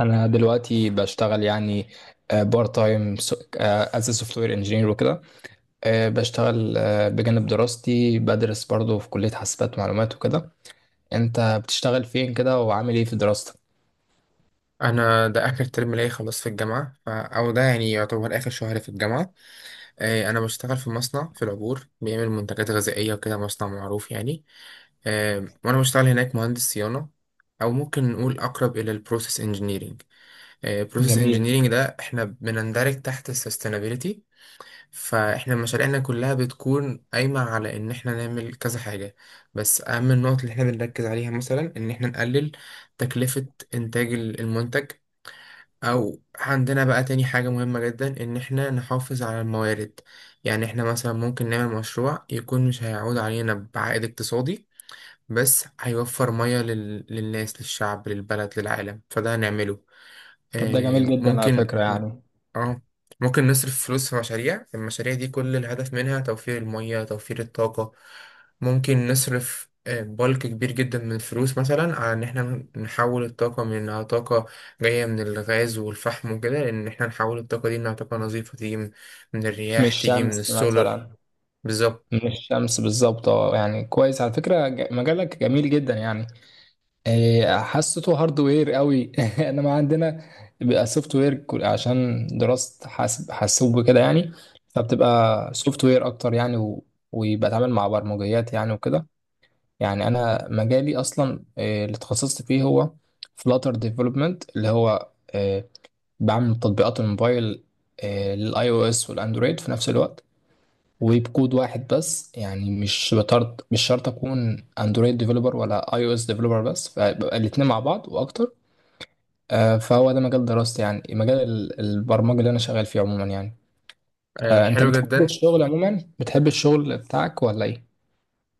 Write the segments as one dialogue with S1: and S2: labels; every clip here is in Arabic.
S1: انا دلوقتي بشتغل يعني بارت تايم از سوفت وير انجينير وكده. بشتغل، بجانب دراستي، بدرس برضو في كلية حاسبات ومعلومات وكده. انت بتشتغل فين كده وعامل ايه في دراستك؟
S2: انا ده اخر ترم ليا خلاص في الجامعه او ده يعني يعتبر اخر شهر في الجامعه. انا بشتغل في مصنع في العبور بيعمل منتجات غذائيه وكده، مصنع معروف يعني. وانا بشتغل هناك مهندس صيانه، او ممكن نقول اقرب الى البروسيس انجينيرينج. البروسيس
S1: جميل.
S2: انجينيرينج ده احنا بنندرج تحت السستينابيليتي، فاحنا مشاريعنا كلها بتكون قايمه على ان احنا نعمل كذا حاجه. بس اهم النقط اللي احنا بنركز عليها مثلا ان احنا نقلل تكلفه انتاج المنتج، او عندنا بقى تاني حاجة مهمة جدا ان احنا نحافظ على الموارد. يعني احنا مثلا ممكن نعمل مشروع يكون مش هيعود علينا بعائد اقتصادي، بس هيوفر مية للناس، للشعب، للبلد، للعالم، فده هنعمله.
S1: طب ده جميل
S2: آه
S1: جدا على
S2: ممكن.
S1: فكرة يعني.
S2: اه، ممكن نصرف فلوس في المشاريع دي، كل الهدف منها توفير المية، توفير الطاقة. ممكن نصرف بلك كبير جدا من الفلوس مثلا على ان احنا نحول الطاقة من انها طاقة جاية من الغاز والفحم وكده، ان احنا نحول الطاقة دي انها طاقة نظيفة تيجي من الرياح،
S1: مش
S2: تيجي من
S1: شمس
S2: السولر.
S1: مثلا؟
S2: بالظبط.
S1: مش شمس بالظبط، اه يعني كويس على فكرة. مجالك جميل جدا يعني. حسيته هاردوير قوي انا ما عندنا، بيبقى سوفت وير عشان دراسة حاسوب وكده يعني، فبتبقى سوفت وير اكتر يعني ويبقى اتعامل مع برمجيات يعني وكده. يعني انا مجالي اصلا اللي اتخصصت فيه هو فلاتر ديفلوبمنت، اللي هو بعمل تطبيقات الموبايل، للاي او اس والاندرويد في نفس الوقت، وبكود واحد بس، يعني مش بطرد، مش شرط اكون اندرويد ديفلوبر ولا اي او اس ديفلوبر بس، فبقى الاتنين مع بعض واكتر. فهو ده مجال دراستي، يعني مجال البرمجة اللي انا شغال فيه عموما يعني. انت
S2: حلو
S1: بتحب
S2: جدا.
S1: الشغل عموما، بتحب الشغل بتاعك ولا ايه؟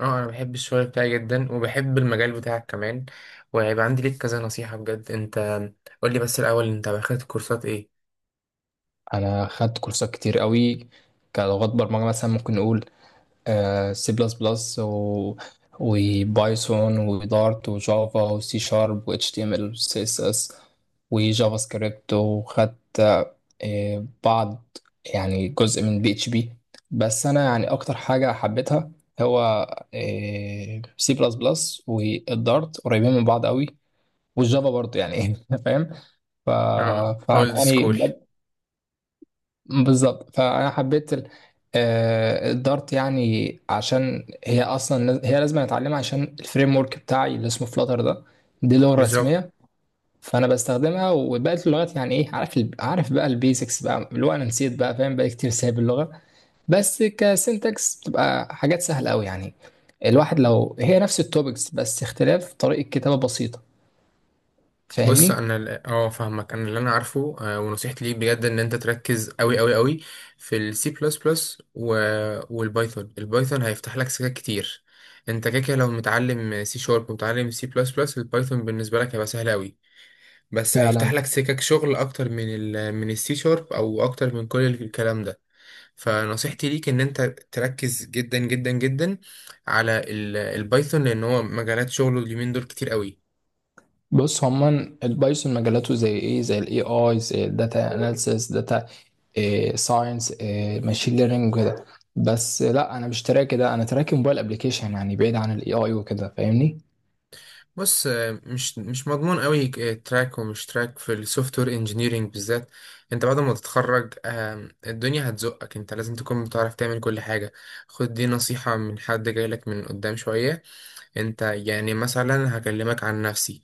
S2: اه، انا بحب الشغل بتاعي جدا، وبحب المجال بتاعك كمان، وهيبقى عندي ليك كذا نصيحة بجد. انت قولي بس الاول، انت اخدت كورسات ايه؟
S1: انا خدت كورسات كتير قوي، كلغات برمجة مثلا ممكن نقول سي بلس بلس وبايثون ودارت وجافا وسي شارب واتش تي ام ال وسي اس اس وجافا سكريبت، وخدت بعض، يعني جزء من بي اتش بي. بس انا يعني اكتر حاجه حبيتها هو سي بلس بلس والدارت، قريبين من بعض قوي، والجافا برضه يعني فاهم؟ ف
S2: اه،
S1: فأنا
S2: اولد
S1: يعني
S2: سكول.
S1: بجد- بالظبط، فانا حبيت الدارت، يعني عشان هي اصلا هي لازم اتعلمها عشان الفريم ورك بتاعي اللي اسمه فلاتر ده، دي لغه
S2: بالظبط.
S1: رسميه. فانا بستخدمها، وبقيت اللغات يعني ايه، عارف عارف بقى البيزكس بقى، اللي هو انا نسيت بقى، فاهم بقى كتير سايب اللغه، بس كسنتكس بتبقى حاجات سهله قوي يعني. الواحد لو هي نفس التوبكس، بس اختلاف طريقه كتابه بسيطه.
S2: بص
S1: فاهمني؟
S2: انا فاهمك، انا اللي انا عارفه. ونصيحتي ليك بجد ان انت تركز قوي قوي قوي في السي بلس بلس والبايثون. البايثون هيفتح لك سكات كتير. انت كده كده، لو متعلم سي شارب ومتعلم سي بلس بلس، البايثون بالنسبه لك هيبقى سهل قوي، بس
S1: فعلا.
S2: هيفتح لك سكك شغل اكتر من السي شارب، او اكتر من كل الكلام ده. فنصيحتي ليك ان انت تركز جدا جدا جدا على البايثون، لان هو مجالات شغله اليومين دول كتير قوي.
S1: بص، هما البايثون مجالاته زي ايه، زي الاي اي، زي الداتا اناليسيس، داتا ساينس، ماشين ليرنينج وكده. بس لا، انا مش تراكي ده، انا تراكي موبايل ابلكيشن يعني، بعيد عن الاي اي وكده. فاهمني؟
S2: بص مش مضمون قوي تراك ومش تراك في السوفت وير انجينيرنج بالذات. انت بعد ما تتخرج الدنيا هتزقك، انت لازم تكون بتعرف تعمل كل حاجه. خد دي نصيحه من حد جايلك من قدام شويه. انت يعني مثلا، هكلمك عن نفسي،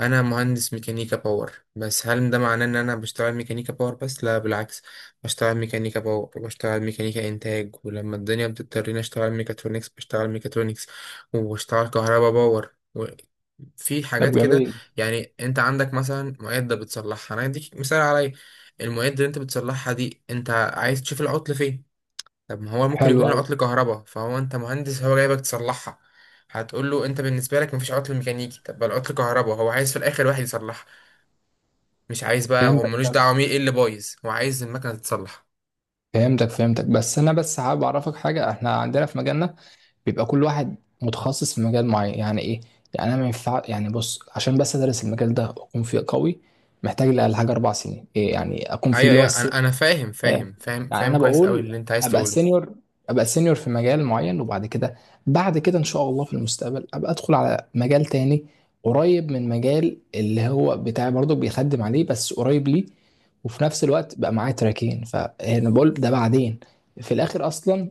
S2: انا مهندس ميكانيكا باور، بس هل ده معناه ان انا بشتغل ميكانيكا باور بس؟ لا بالعكس، بشتغل ميكانيكا باور وبشتغل ميكانيكا انتاج، ولما الدنيا بتضطرني اشتغل ميكاترونكس بشتغل ميكاترونكس، وبشتغل كهربا باور. في
S1: طب
S2: حاجات كده.
S1: جميل.
S2: يعني انت عندك مثلا معدة بتصلحها، انا اديك مثال عليا. المعدة اللي انت بتصلحها دي، انت عايز تشوف العطل فين. طب ما هو ممكن
S1: حلو
S2: يكون
S1: قوي.
S2: العطل كهرباء، فهو انت مهندس، هو جايبك تصلحها. هتقول له انت بالنسبه لك مفيش عطل ميكانيكي؟ طب ما العطل كهرباء، هو عايز في الاخر واحد يصلحها. مش عايز بقى، هو
S1: فهمتك،
S2: ملوش دعوه مين ايه اللي بايظ، هو عايز المكنه تتصلح.
S1: فهمتك، فهمتك، بس انا بس حابب اعرفك حاجه. احنا عندنا في مجالنا بيبقى كل واحد متخصص في مجال معين، يعني ايه؟ يعني انا ما ينفع يعني، بص عشان بس ادرس المجال ده واكون فيه قوي، محتاج لي اقل حاجه 4 سنين. يعني اكون فيه،
S2: ايوه
S1: اللي هو
S2: ايوه، انا فاهم
S1: آه،
S2: فاهم فاهم
S1: يعني
S2: فاهم
S1: انا
S2: كويس قوي
S1: بقول
S2: اللي انت عايز
S1: ابقى
S2: تقوله.
S1: سينيور ابقى سينيور في مجال معين، وبعد كده بعد كده ان شاء الله في المستقبل، ابقى ادخل على مجال تاني قريب من مجال اللي هو بتاعي برضك، بيخدم عليه، بس قريب ليه، وفي نفس الوقت بقى معايا تراكين. فانا بقول ده بعدين. في الاخر اصلا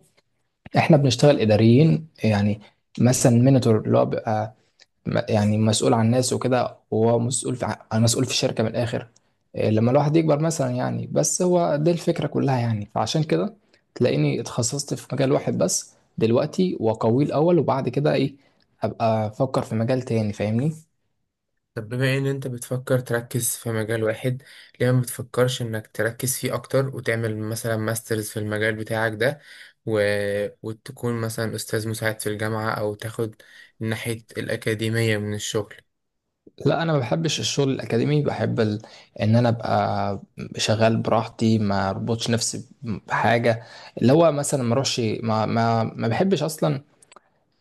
S1: احنا بنشتغل اداريين يعني، مثلا مينيتور اللي هو بيبقى يعني مسؤول عن ناس وكده، هو مسؤول مسؤول في الشركة من الآخر. لما الواحد يكبر مثلا يعني، بس هو دي الفكرة كلها يعني، فعشان كده تلاقيني اتخصصت في مجال واحد بس دلوقتي وقوي الأول، وبعد كده أبقى أفكر في مجال تاني. فاهمني؟
S2: طب بما ان انت بتفكر تركز في مجال واحد، ليه ما بتفكرش انك تركز فيه اكتر، وتعمل مثلا ماسترز في المجال بتاعك ده، و... وتكون مثلا استاذ مساعد في الجامعة، او تاخد ناحية الاكاديمية من الشغل؟
S1: لا، أنا ما بحبش الشغل الأكاديمي، بحب إن أنا أبقى شغال براحتي، ما أربطش نفسي بحاجة، اللي هو مثلا ما أروحش، ما بحبش أصلا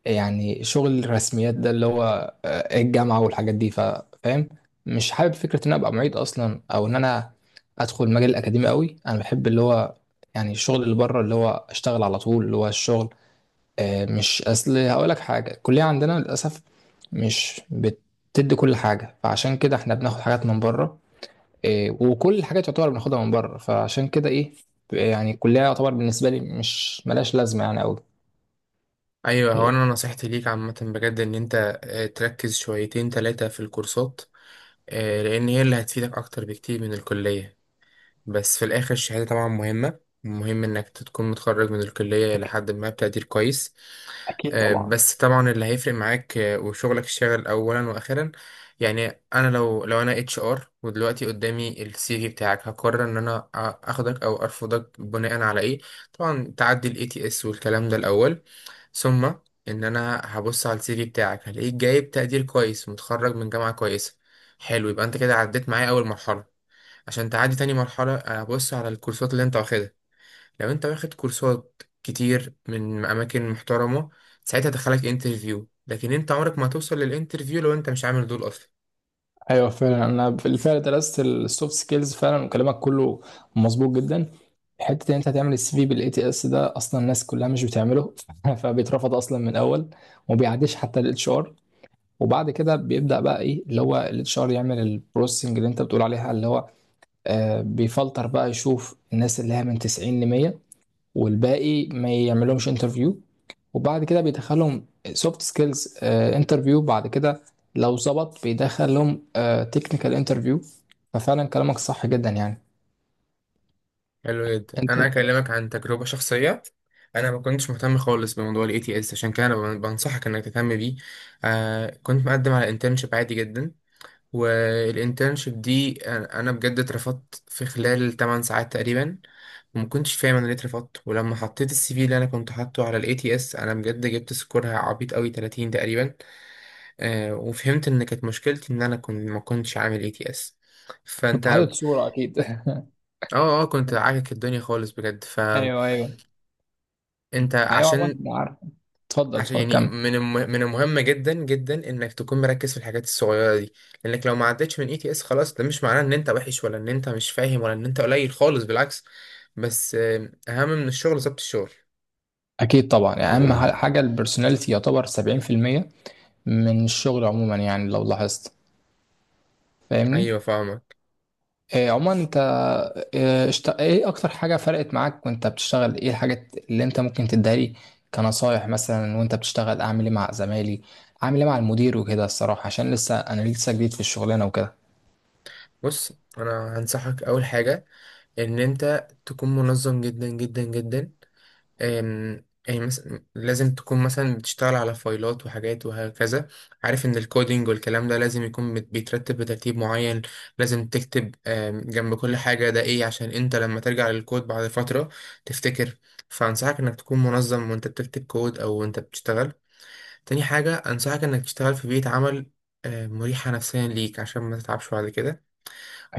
S1: يعني شغل الرسميات ده، اللي هو الجامعة والحاجات دي. فاهم؟ مش حابب فكرة ان انا ابقى معيد اصلا، او ان انا ادخل المجال الاكاديمي قوي. انا بحب اللي هو يعني الشغل اللي بره، اللي هو اشتغل على طول، اللي هو الشغل. مش اصل هقول لك حاجة، الكلية عندنا للاسف مش بتدي كل حاجة، فعشان كده احنا بناخد حاجات من بره. وكل الحاجات تعتبر بناخدها من بره، فعشان كده ايه يعني الكلية يعتبر بالنسبة لي مش ملاش لازمة يعني قوي.
S2: ايوه، هو انا نصيحتي ليك عامة بجد ان انت تركز شويتين تلاتة في الكورسات، لان هي اللي هتفيدك اكتر بكتير من الكلية. بس في الاخر الشهادة طبعا مهمة، مهم انك تكون متخرج من الكلية
S1: أكيد.
S2: لحد ما بتقدير كويس.
S1: أكيد طبعا.
S2: بس طبعا اللي هيفرق معاك وشغلك الشاغل اولا واخيرا. يعني انا لو انا اتش ار ودلوقتي قدامي السي في بتاعك، هقرر ان انا اخدك او ارفضك بناء على ايه؟ طبعا تعدي الاي تي اس والكلام ده الاول، ثم ان انا هبص على السي في بتاعك، هلاقيك جايب تقدير كويس، متخرج من جامعة كويسة. حلو، يبقى انت كده عديت معايا اول مرحلة. عشان تعدي تاني مرحلة، هبص على الكورسات اللي انت واخدها. لو انت واخد كورسات كتير من اماكن محترمه، ساعتها دخلك انترفيو. لكن انت عمرك ما هتوصل للانترفيو لو انت مش عامل دول اصلا.
S1: ايوه، فعلا انا بالفعل درست السوفت سكيلز فعلا، وكلامك كله مظبوط جدا. حته ان انت هتعمل السي في بالاي تي اس ده اصلا الناس كلها مش بتعمله فبيترفض اصلا من الاول، وما بيعديش حتى الاتش ار. وبعد كده بيبدا بقى ايه، اللي هو الاتش ار يعمل البروسيسنج اللي انت بتقول عليها، اللي هو بيفلتر بقى، يشوف الناس اللي هي من 90 ل 100، والباقي ما يعملهمش انترفيو. وبعد كده بيدخلهم سوفت سكيلز انترفيو، بعد كده لو ظبط بيدخلهم تكنيكال انترفيو. ففعلا كلامك صح جدا يعني.
S2: حلو جدا،
S1: انت
S2: انا اكلمك عن تجربه شخصيه. انا ما كنتش مهتم خالص بموضوع الاي تي اس، عشان كده انا بنصحك انك تهتم بيه. كنت مقدم على انترنشيب عادي جدا، والانترنشيب دي انا بجد اترفضت في خلال 8 ساعات تقريبا، وما كنتش فاهم انا ليه اترفضت. ولما حطيت السي في اللي انا كنت حاطه على الاي تي اس، انا بجد جبت سكورها عبيط قوي، 30 تقريبا. وفهمت ان كانت مشكلتي ان انا كنت ما كنتش عامل اي تي اس.
S1: كنت
S2: فانت،
S1: حاطط صورة اكيد
S2: اه اه، كنت عاكك الدنيا خالص بجد. فانت
S1: ايوه، ايوه. ايوه عمر،
S2: عشان
S1: أنا عارف. اتفضل،
S2: عشان
S1: اتفضل
S2: يعني
S1: كمل.
S2: من من المهم جدا جدا انك تكون مركز في الحاجات الصغيره دي. لانك لو ما عدتش من اي تي اس خلاص، ده مش معناه ان انت وحش، ولا ان انت مش فاهم، ولا ان انت قليل خالص، بالعكس. بس اهم من الشغل ظبط الشغل.
S1: اكيد طبعا، يعني اهم حاجة البرسوناليتي يعتبر 70% من الشغل عموما يعني لو لاحظت. فاهمني؟
S2: ايوه، فاهمك.
S1: عموما انت، اكتر حاجة فرقت معاك وانت بتشتغل، ايه الحاجات اللي انت ممكن تديها لي كنصايح مثلا وانت بتشتغل؟ اعمل ايه مع زمايلي، اعمل ايه مع المدير وكده؟ الصراحة عشان لسه انا لسه جديد في الشغلانة وكده.
S2: بص انا هنصحك اول حاجه، ان انت تكون منظم جدا جدا جدا. أم- يعني مثلا لازم تكون مثلا بتشتغل على فايلات وحاجات وهكذا، عارف ان الكودينج والكلام ده لازم يكون بيترتب بترتيب معين. لازم تكتب جنب كل حاجة ده ايه، عشان انت لما ترجع للكود بعد فترة تفتكر. فانصحك انك تكون منظم وانت بتكتب كود، او وانت بتشتغل. تاني حاجة انصحك انك تشتغل في بيئة عمل مريحة نفسيا ليك عشان ما تتعبش بعد كده.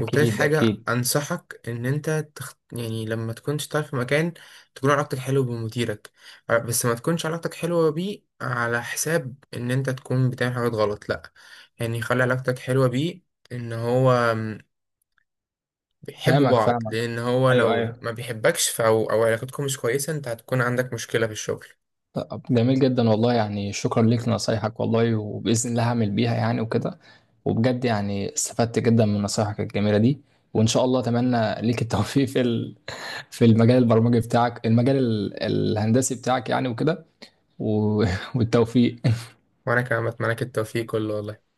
S2: وتالت حاجة
S1: أكيد.
S2: أنصحك إن أنت يعني لما تكون تشتغل في مكان، تكون علاقتك حلوة بمديرك. بس ما تكونش علاقتك حلوة بيه على حساب إن أنت تكون بتعمل حاجات غلط، لأ. يعني خلي علاقتك حلوة بيه. إن هو بيحبوا
S1: فاهمك،
S2: بعض،
S1: فاهمك.
S2: لأن هو
S1: أيوه،
S2: لو
S1: أيوه.
S2: ما بيحبكش أو علاقتكم مش كويسة، أنت هتكون عندك مشكلة في الشغل.
S1: طب جميل جدا والله، يعني شكرا ليك لنصايحك والله، وبإذن الله هعمل بيها يعني وكده. وبجد يعني استفدت جدا من نصايحك الجميلة دي. وإن شاء الله أتمنى ليك التوفيق في المجال البرمجي بتاعك، المجال الهندسي بتاعك يعني وكده. و- والتوفيق.
S2: وأنا كمان بتمنى لك التوفيق كله والله.